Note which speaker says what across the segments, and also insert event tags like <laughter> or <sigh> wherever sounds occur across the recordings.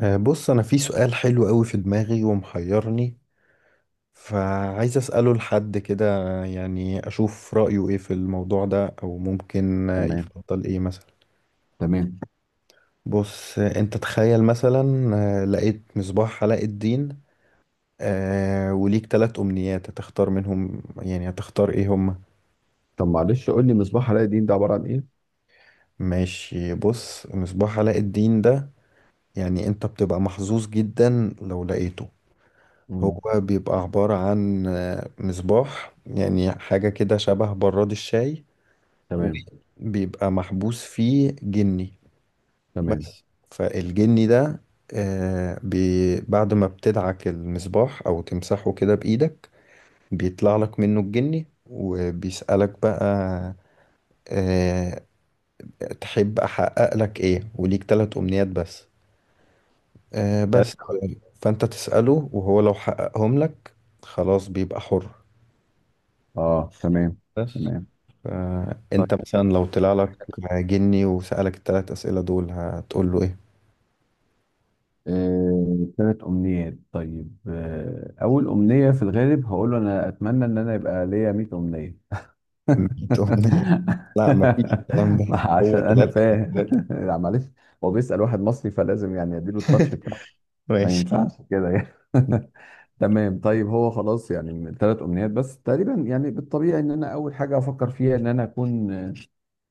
Speaker 1: بص انا في سؤال حلو قوي في دماغي ومحيرني، فعايز اساله لحد كده. يعني اشوف رايه ايه في الموضوع ده او ممكن
Speaker 2: تمام.
Speaker 1: يفضل ايه مثلا.
Speaker 2: تمام.
Speaker 1: بص، انت تخيل مثلا لقيت مصباح علاء الدين، وليك ثلاث امنيات، هتختار منهم يعني هتختار ايه هما؟
Speaker 2: طب معلش قول لي مصباح علاء الدين ده عباره عن ايه؟
Speaker 1: ماشي. بص، مصباح علاء الدين ده يعني انت بتبقى محظوظ جدا لو لقيته.
Speaker 2: مم.
Speaker 1: هو بيبقى عبارة عن مصباح، يعني حاجة كده شبه براد الشاي،
Speaker 2: تمام.
Speaker 1: وبيبقى محبوس فيه جني.
Speaker 2: تمام.
Speaker 1: بس. فالجني ده، آه، بي بعد ما بتدعك المصباح أو تمسحه كده بإيدك بيطلع لك منه الجني وبيسألك بقى آه، تحب أحقق لك إيه، وليك تلات أمنيات بس. بس
Speaker 2: تلات.
Speaker 1: فأنت تسأله وهو لو حققهم لك خلاص بيبقى حر.
Speaker 2: اه تمام.
Speaker 1: بس.
Speaker 2: تمام. طيب
Speaker 1: فانت مثلا لو طلع لك جني وسألك الثلاث أسئلة دول هتقول له ايه؟
Speaker 2: ثلاث أمنيات. طيب، أول أمنية في الغالب هقول له أنا أتمنى إن أنا يبقى ليا 100 أمنية.
Speaker 1: 100 أمنية؟ لا، مفيش الكلام ده.
Speaker 2: <laughs> عشان
Speaker 1: هو
Speaker 2: أنا
Speaker 1: ثلاثة.
Speaker 2: فاهم
Speaker 1: ثلاثة.
Speaker 2: <laughs> لا معلش، هو بيسأل واحد مصري فلازم يعني أديله التاتش
Speaker 1: <laughs>
Speaker 2: بتاعه، ما
Speaker 1: ماشي.
Speaker 2: ينفعش كده يعني. <laughs> تمام، طيب هو خلاص يعني من ثلاث امنيات بس تقريبا، يعني بالطبيعي ان انا اول حاجه افكر فيها ان انا اكون،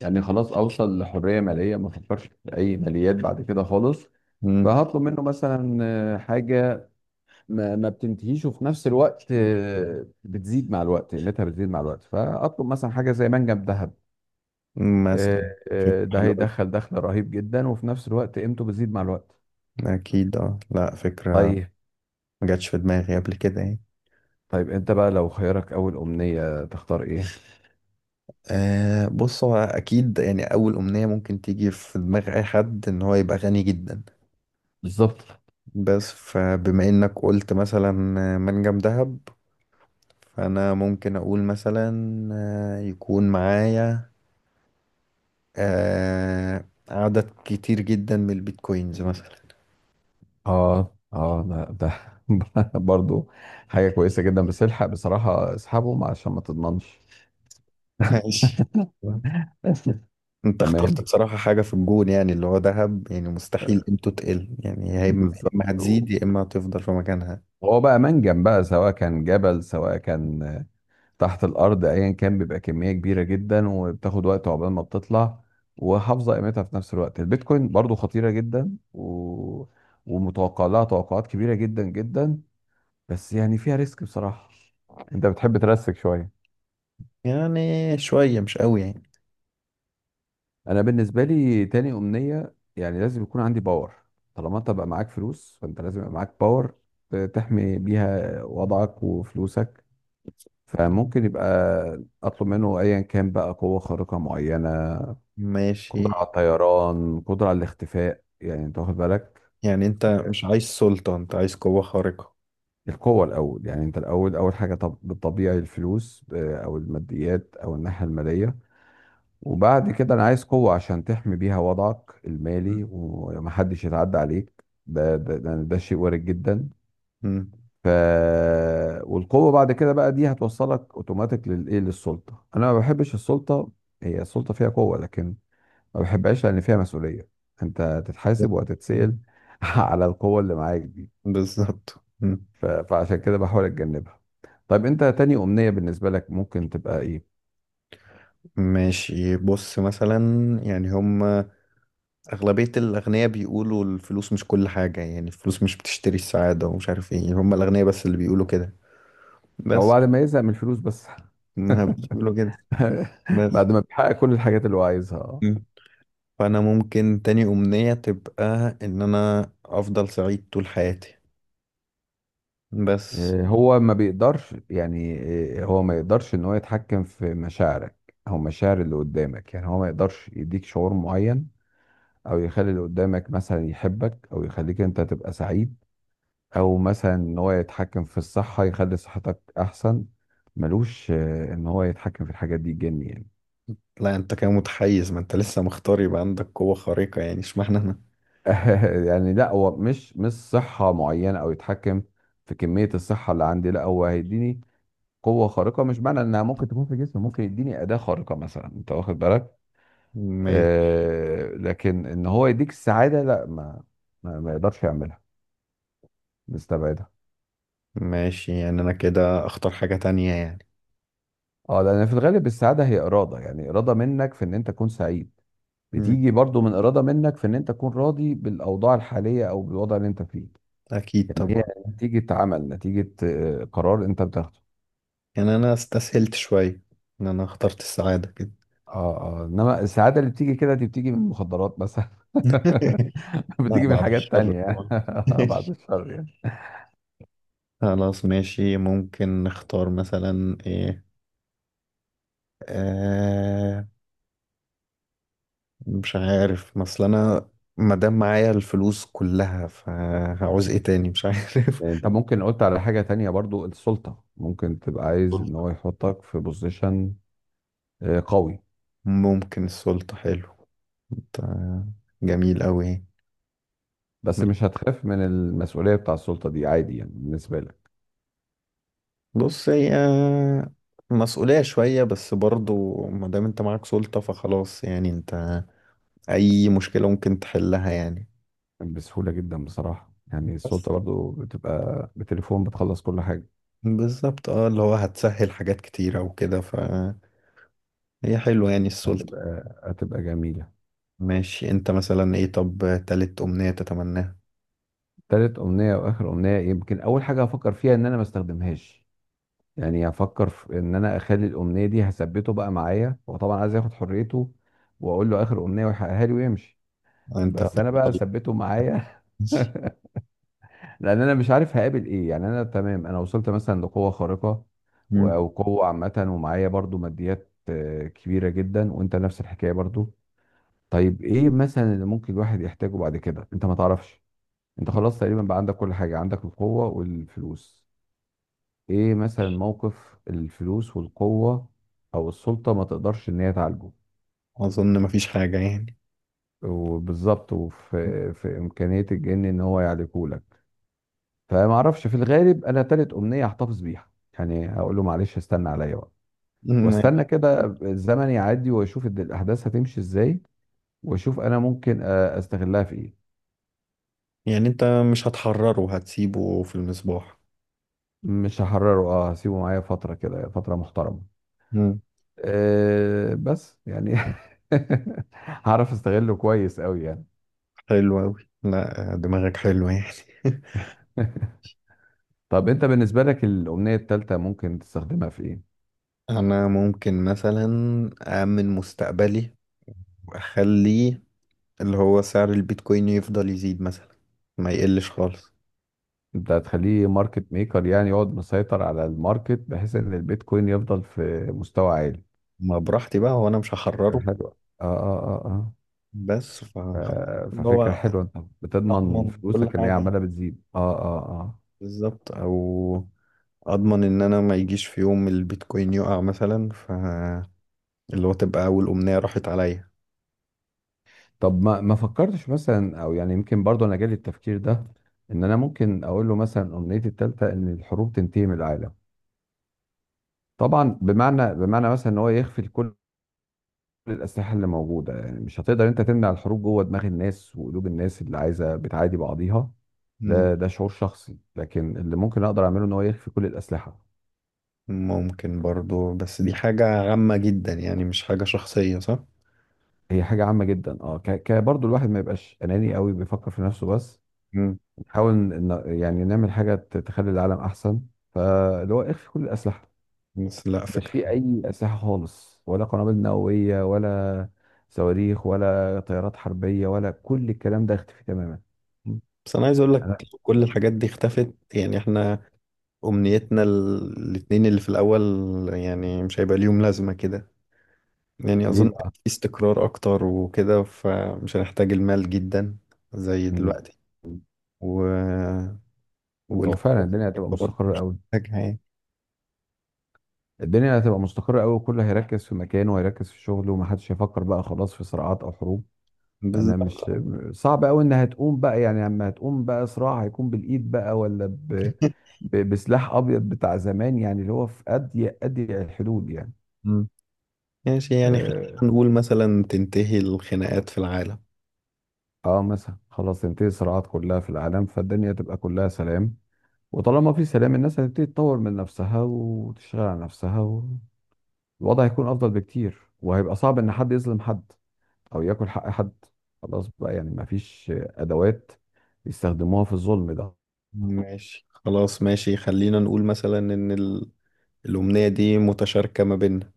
Speaker 2: يعني خلاص اوصل لحريه ماليه، ما افكرش في اي ماليات بعد كده خالص.
Speaker 1: مم.
Speaker 2: فهطلب منه مثلا، حاجه ما بتنتهيش، وفي نفس الوقت بتزيد مع الوقت، قيمتها بتزيد مع الوقت. فاطلب مثلا حاجه زي منجم ذهب.
Speaker 1: مثلا.
Speaker 2: آه،
Speaker 1: فكرة
Speaker 2: ده
Speaker 1: حلوة أوي.
Speaker 2: هيدخل دخل رهيب جدا، وفي نفس الوقت قيمته بتزيد مع الوقت.
Speaker 1: أكيد اه، لا فكرة
Speaker 2: طيب.
Speaker 1: ما جاتش في دماغي قبل كده يعني.
Speaker 2: طيب انت بقى لو خيارك اول امنيه تختار ايه؟
Speaker 1: بص، هو أكيد يعني أول أمنية ممكن تيجي في دماغ أي حد إن هو يبقى غني جدا.
Speaker 2: بالظبط.
Speaker 1: بس فبما إنك قلت مثلا منجم ذهب، فانا ممكن اقول مثلا يكون معايا عدد كتير جدا من البيتكوينز مثلا.
Speaker 2: اه اه ده. <laughs> برضو حاجة كويسة جدا، بس الحق بصراحة اسحبهم عشان ما تضمنش.
Speaker 1: <laughs> ماشي.
Speaker 2: <laughs>
Speaker 1: انت اخترت
Speaker 2: تمام.
Speaker 1: بصراحة حاجة في الجون، يعني اللي هو ذهب يعني مستحيل قيمته تقل، يعني يا اما، يا
Speaker 2: بالظبط.
Speaker 1: إما هتزيد يا اما هتفضل في مكانها.
Speaker 2: هو بقى منجم بقى، سواء كان جبل سواء كان تحت الأرض أيا كان، بيبقى كمية كبيرة جدا، وبتاخد وقت عقبال ما بتطلع، وحافظة قيمتها في نفس الوقت. البيتكوين برضو خطيرة جدا و... ومتوقع لها توقعات كبيرة جدا جدا، بس يعني فيها ريسك بصراحة. أنت بتحب ترسك شوية.
Speaker 1: يعني شوية مش قوي يعني.
Speaker 2: انا بالنسبه لي تاني امنيه يعني لازم يكون عندي باور. طالما انت بقى معاك فلوس فانت لازم يبقى معاك باور، تحمي بيها وضعك وفلوسك. فممكن يبقى اطلب منه ايا كان بقى قوه خارقه معينه،
Speaker 1: ماشي.
Speaker 2: قدره على الطيران، قدره على الاختفاء، يعني انت واخد بالك.
Speaker 1: يعني انت مش عايز سلطة، انت عايز قوة خارقة.
Speaker 2: القوه الاول، يعني انت الاول اول حاجه طب بالطبيعي الفلوس، او الماديات او الناحيه الماليه، وبعد كده انا عايز قوة عشان تحمي بيها وضعك
Speaker 1: مم.
Speaker 2: المالي ومحدش يتعدى عليك، ده شيء وارد جدا.
Speaker 1: مم.
Speaker 2: ف، والقوة بعد كده بقى دي هتوصلك اوتوماتيك للايه، للسلطة. انا ما بحبش السلطة، هي السلطة فيها قوة لكن ما بحبهاش لان فيها مسؤولية، انت تتحاسب وهتتسأل <laughs> على القوة اللي معاك دي.
Speaker 1: بالظبط. مم.
Speaker 2: فعشان كده بحاول اتجنبها. طيب انت تاني امنية بالنسبة لك ممكن تبقى ايه؟
Speaker 1: ماشي بص مثلا، يعني هما أغلبية الأغنياء بيقولوا الفلوس مش كل حاجة، يعني الفلوس مش بتشتري السعادة ومش عارف ايه، هم الأغنياء بس اللي بيقولوا كده.
Speaker 2: او
Speaker 1: بس
Speaker 2: بعد ما يزهق من الفلوس بس.
Speaker 1: ما بيقولوا كده.
Speaker 2: <laughs> <laughs>
Speaker 1: بس.
Speaker 2: بعد ما بيحقق كل الحاجات اللي هو عايزها،
Speaker 1: مم. فأنا ممكن تاني أمنية تبقى إن أنا أفضل سعيد طول حياتي. بس
Speaker 2: هو ما بيقدرش يعني، هو ما يقدرش ان هو يتحكم في مشاعرك او مشاعر اللي قدامك، يعني هو ما يقدرش يديك شعور معين او يخلي اللي قدامك مثلا يحبك، او يخليك انت تبقى سعيد، او مثلا ان هو يتحكم في الصحة يخلي صحتك احسن. ملوش ان هو يتحكم في الحاجات دي جني يعني.
Speaker 1: لا، أنت كده متحيز، ما أنت لسه مختار يبقى عندك قوة خارقة، يعني اشمعنى أنا؟
Speaker 2: <laughs> يعني لا، هو مش مش صحة معينة او يتحكم في كمية الصحة اللي عندي، لا هو هيديني قوة خارقة، مش معنى انها ممكن تكون في جسم، ممكن يديني أداة خارقة مثلا، انت واخد بالك.
Speaker 1: ماشي.
Speaker 2: آه، لكن ان هو يديك السعادة لا، ما يقدرش يعملها. نستبعدها.
Speaker 1: ماشي. يعني أنا كده أختار حاجة تانية يعني.
Speaker 2: اه، لان في الغالب السعادة هي إرادة، يعني إرادة منك في ان انت تكون سعيد.
Speaker 1: مم.
Speaker 2: بتيجي برضو من إرادة منك في ان انت تكون راضي بالأوضاع الحالية او بالوضع اللي انت فيه.
Speaker 1: أكيد
Speaker 2: يعني هي
Speaker 1: طبعا.
Speaker 2: نتيجة عمل، نتيجة قرار انت بتاخده.
Speaker 1: يعني أنا استسهلت شوية إن أنا اخترت السعادة كده.
Speaker 2: اه اه، انما السعادة اللي بتيجي كده دي بتيجي من المخدرات مثلا. <laughs>
Speaker 1: <laughs> لا،
Speaker 2: بتيجي من
Speaker 1: بعد
Speaker 2: حاجات
Speaker 1: الشر
Speaker 2: تانية.
Speaker 1: طبعا.
Speaker 2: <laughs> بعد
Speaker 1: <laughs>
Speaker 2: الشر يعني.
Speaker 1: خلاص ماشي، ممكن نختار مثلا ايه. آه مش عارف مثلا انا، مادام معايا الفلوس كلها فهعوز ايه تاني، مش عارف.
Speaker 2: انت ممكن قلت على حاجة تانية برضو، السلطة، ممكن تبقى عايز ان هو
Speaker 1: <laughs>
Speaker 2: يحطك في بوزيشن قوي.
Speaker 1: ممكن السلطة، حلو. آه، جميل قوي.
Speaker 2: بس مش هتخاف من المسؤولية بتاع السلطة دي؟ عادي يعني بالنسبة لك؟
Speaker 1: بص هي مسؤولية شوية، بس برضو مادام انت معاك سلطة فخلاص، يعني انت اي مشكلة ممكن تحلها يعني.
Speaker 2: بسهولة جدا بصراحة، يعني
Speaker 1: بس
Speaker 2: السلطة برضو بتبقى بتليفون بتخلص كل حاجة.
Speaker 1: بالظبط، اه، اللي هو هتسهل حاجات كتيرة وكده، فهي حلوة يعني السلطة.
Speaker 2: هتبقى هتبقى جميلة.
Speaker 1: ماشي. انت مثلا ايه طب تالت أمنية تتمناها؟
Speaker 2: تالت أمنية وآخر أمنية، يمكن أول حاجة هفكر فيها إن أنا ما استخدمهاش. يعني هفكر في إن أنا أخلي الأمنية دي هثبته بقى معايا. هو طبعا عايز ياخد حريته وأقول له آخر أمنية ويحققها لي ويمشي،
Speaker 1: انت
Speaker 2: بس أنا
Speaker 1: هتختار.
Speaker 2: بقى ثبته معايا. <laughs> <laughs> لان انا مش عارف هقابل ايه. يعني انا تمام، انا وصلت مثلا لقوه خارقه
Speaker 1: مم.
Speaker 2: او قوه عامه، ومعايا برضو ماديات كبيره جدا، وانت نفس الحكايه برضو. طيب ايه مثلا اللي ممكن الواحد يحتاجه بعد كده، انت ما تعرفش. انت خلاص تقريبا بقى عندك كل حاجه، عندك القوه والفلوس. ايه مثلا موقف الفلوس والقوه او السلطه ما تقدرش ان هي تعالجه؟
Speaker 1: أظن مفيش حاجة يعني.
Speaker 2: وبالظبط، وفي في امكانيه الجن ان هو يعالجه. فما اعرفش، في الغالب انا تالت امنيه هحتفظ بيها. يعني هقول له معلش استنى عليا بقى،
Speaker 1: مم.
Speaker 2: واستنى كده الزمن يعدي، واشوف الاحداث هتمشي ازاي، واشوف انا ممكن استغلها في ايه.
Speaker 1: يعني انت مش هتحرره، هتسيبه في المصباح.
Speaker 2: مش هحرره، اه هسيبه معايا فتره كده، فتره محترمه.
Speaker 1: مم.
Speaker 2: أه بس يعني <laughs> هعرف استغله كويس قوي يعني.
Speaker 1: حلو أوي، لا دماغك حلوة يعني. <laughs>
Speaker 2: <laughs> طب انت بالنسبه لك الامنيه الثالثه ممكن تستخدمها في ايه؟
Speaker 1: أنا ممكن مثلا أأمن مستقبلي وأخلي اللي هو سعر البيتكوين يفضل يزيد مثلا، ما يقلش خالص.
Speaker 2: انت هتخليه ماركت ميكر، يعني يقعد مسيطر على الماركت بحيث ان البيتكوين يفضل في مستوى عالي.
Speaker 1: ما براحتي بقى، هو انا مش
Speaker 2: فكرة
Speaker 1: هحرره.
Speaker 2: حلوة، اه اه اه اه.
Speaker 1: بس فخلاص، اللي
Speaker 2: ففكرة
Speaker 1: هو
Speaker 2: حلوة، انت بتضمن
Speaker 1: اضمن كل
Speaker 2: فلوسك ان هي
Speaker 1: حاجة.
Speaker 2: عمالة بتزيد، اه اه اه.
Speaker 1: بالظبط. او اضمن ان انا ما يجيش في يوم البيتكوين يقع مثلا، اللي هو تبقى اول امنية راحت عليا.
Speaker 2: طب ما فكرتش مثلا، او يعني يمكن برضه انا جالي التفكير ده، ان انا ممكن اقول له مثلا امنيتي التالتة ان الحروب تنتهي من العالم. طبعا بمعنى، بمعنى مثلا ان هو يخفي كل الاسلحة اللي موجودة، يعني مش هتقدر انت تمنع الحروب جوه دماغ الناس وقلوب الناس اللي عايزة بتعادي بعضيها.
Speaker 1: مم.
Speaker 2: ده شعور شخصي، لكن اللي ممكن اقدر اعمله ان هو يخفي كل الاسلحة.
Speaker 1: ممكن برضو، بس دي حاجة عامة جدا يعني، مش حاجة شخصية، صح؟
Speaker 2: هي حاجة عامة جدا اه، ك... ك برضه الواحد ما يبقاش أناني قوي بيفكر في نفسه بس.
Speaker 1: مم.
Speaker 2: نحاول يعني نعمل حاجة تخلي العالم أحسن. فاللي هو اخفي كل الأسلحة،
Speaker 1: بس لا
Speaker 2: مش في
Speaker 1: فكرة.
Speaker 2: أي أسلحة خالص، ولا قنابل نووية، ولا صواريخ، ولا طيارات حربية، ولا كل الكلام ده، اختفي تماما.
Speaker 1: مم. بس انا عايز اقول لك
Speaker 2: أنا...
Speaker 1: كل الحاجات دي اختفت يعني، احنا امنيتنا الاتنين اللي في الاول يعني مش هيبقى ليهم لازمة كده، يعني
Speaker 2: ليه
Speaker 1: أظن
Speaker 2: بقى؟
Speaker 1: في استقرار أكتر وكده فمش هنحتاج المال جدا زي
Speaker 2: مم.
Speaker 1: دلوقتي، و...
Speaker 2: هو فعلا الدنيا هتبقى
Speaker 1: والكبار
Speaker 2: مستقرة
Speaker 1: مش
Speaker 2: قوي.
Speaker 1: هنحتاجها يعني.
Speaker 2: الدنيا هتبقى مستقرة قوي، وكله هيركز في مكانه، وهيركز في شغله، ومحدش هيفكر بقى خلاص في صراعات أو حروب. انا
Speaker 1: بالظبط
Speaker 2: مش،
Speaker 1: أه.
Speaker 2: صعب قوي انها تقوم بقى، يعني لما هتقوم بقى صراع هيكون بالايد بقى، ولا بسلاح ابيض بتاع زمان، يعني اللي هو في اضيق اضيق الحدود يعني.
Speaker 1: مم. ماشي، يعني خلينا
Speaker 2: اه.
Speaker 1: نقول مثلا تنتهي الخناقات في العالم.
Speaker 2: آه مثلا خلاص تنتهي الصراعات كلها في العالم، فالدنيا تبقى كلها سلام. وطالما في سلام، الناس هتبتدي تطور من نفسها وتشتغل على نفسها، والوضع هيكون افضل بكتير، وهيبقى صعب ان حد يظلم حد او ياكل حق حد. خلاص بقى يعني مفيش ادوات يستخدموها في الظلم ده.
Speaker 1: ماشي خلاص، ماشي خلينا نقول مثلا إن الأمنية دي متشاركة ما بيننا.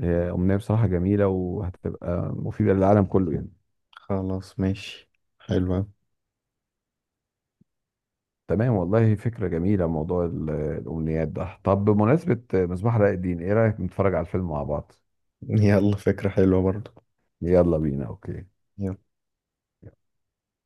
Speaker 2: هي أمنية بصراحة جميلة، وهتبقى مفيدة للعالم كله يعني.
Speaker 1: خلاص ماشي، حلوة.
Speaker 2: تمام والله، فكرة جميلة موضوع الأمنيات ده. طب بمناسبة مصباح علاء الدين، إيه رأيك نتفرج على الفيلم مع بعض؟
Speaker 1: يلا فكرة حلوة برضه.
Speaker 2: يلا بينا، أوكي.
Speaker 1: يلا.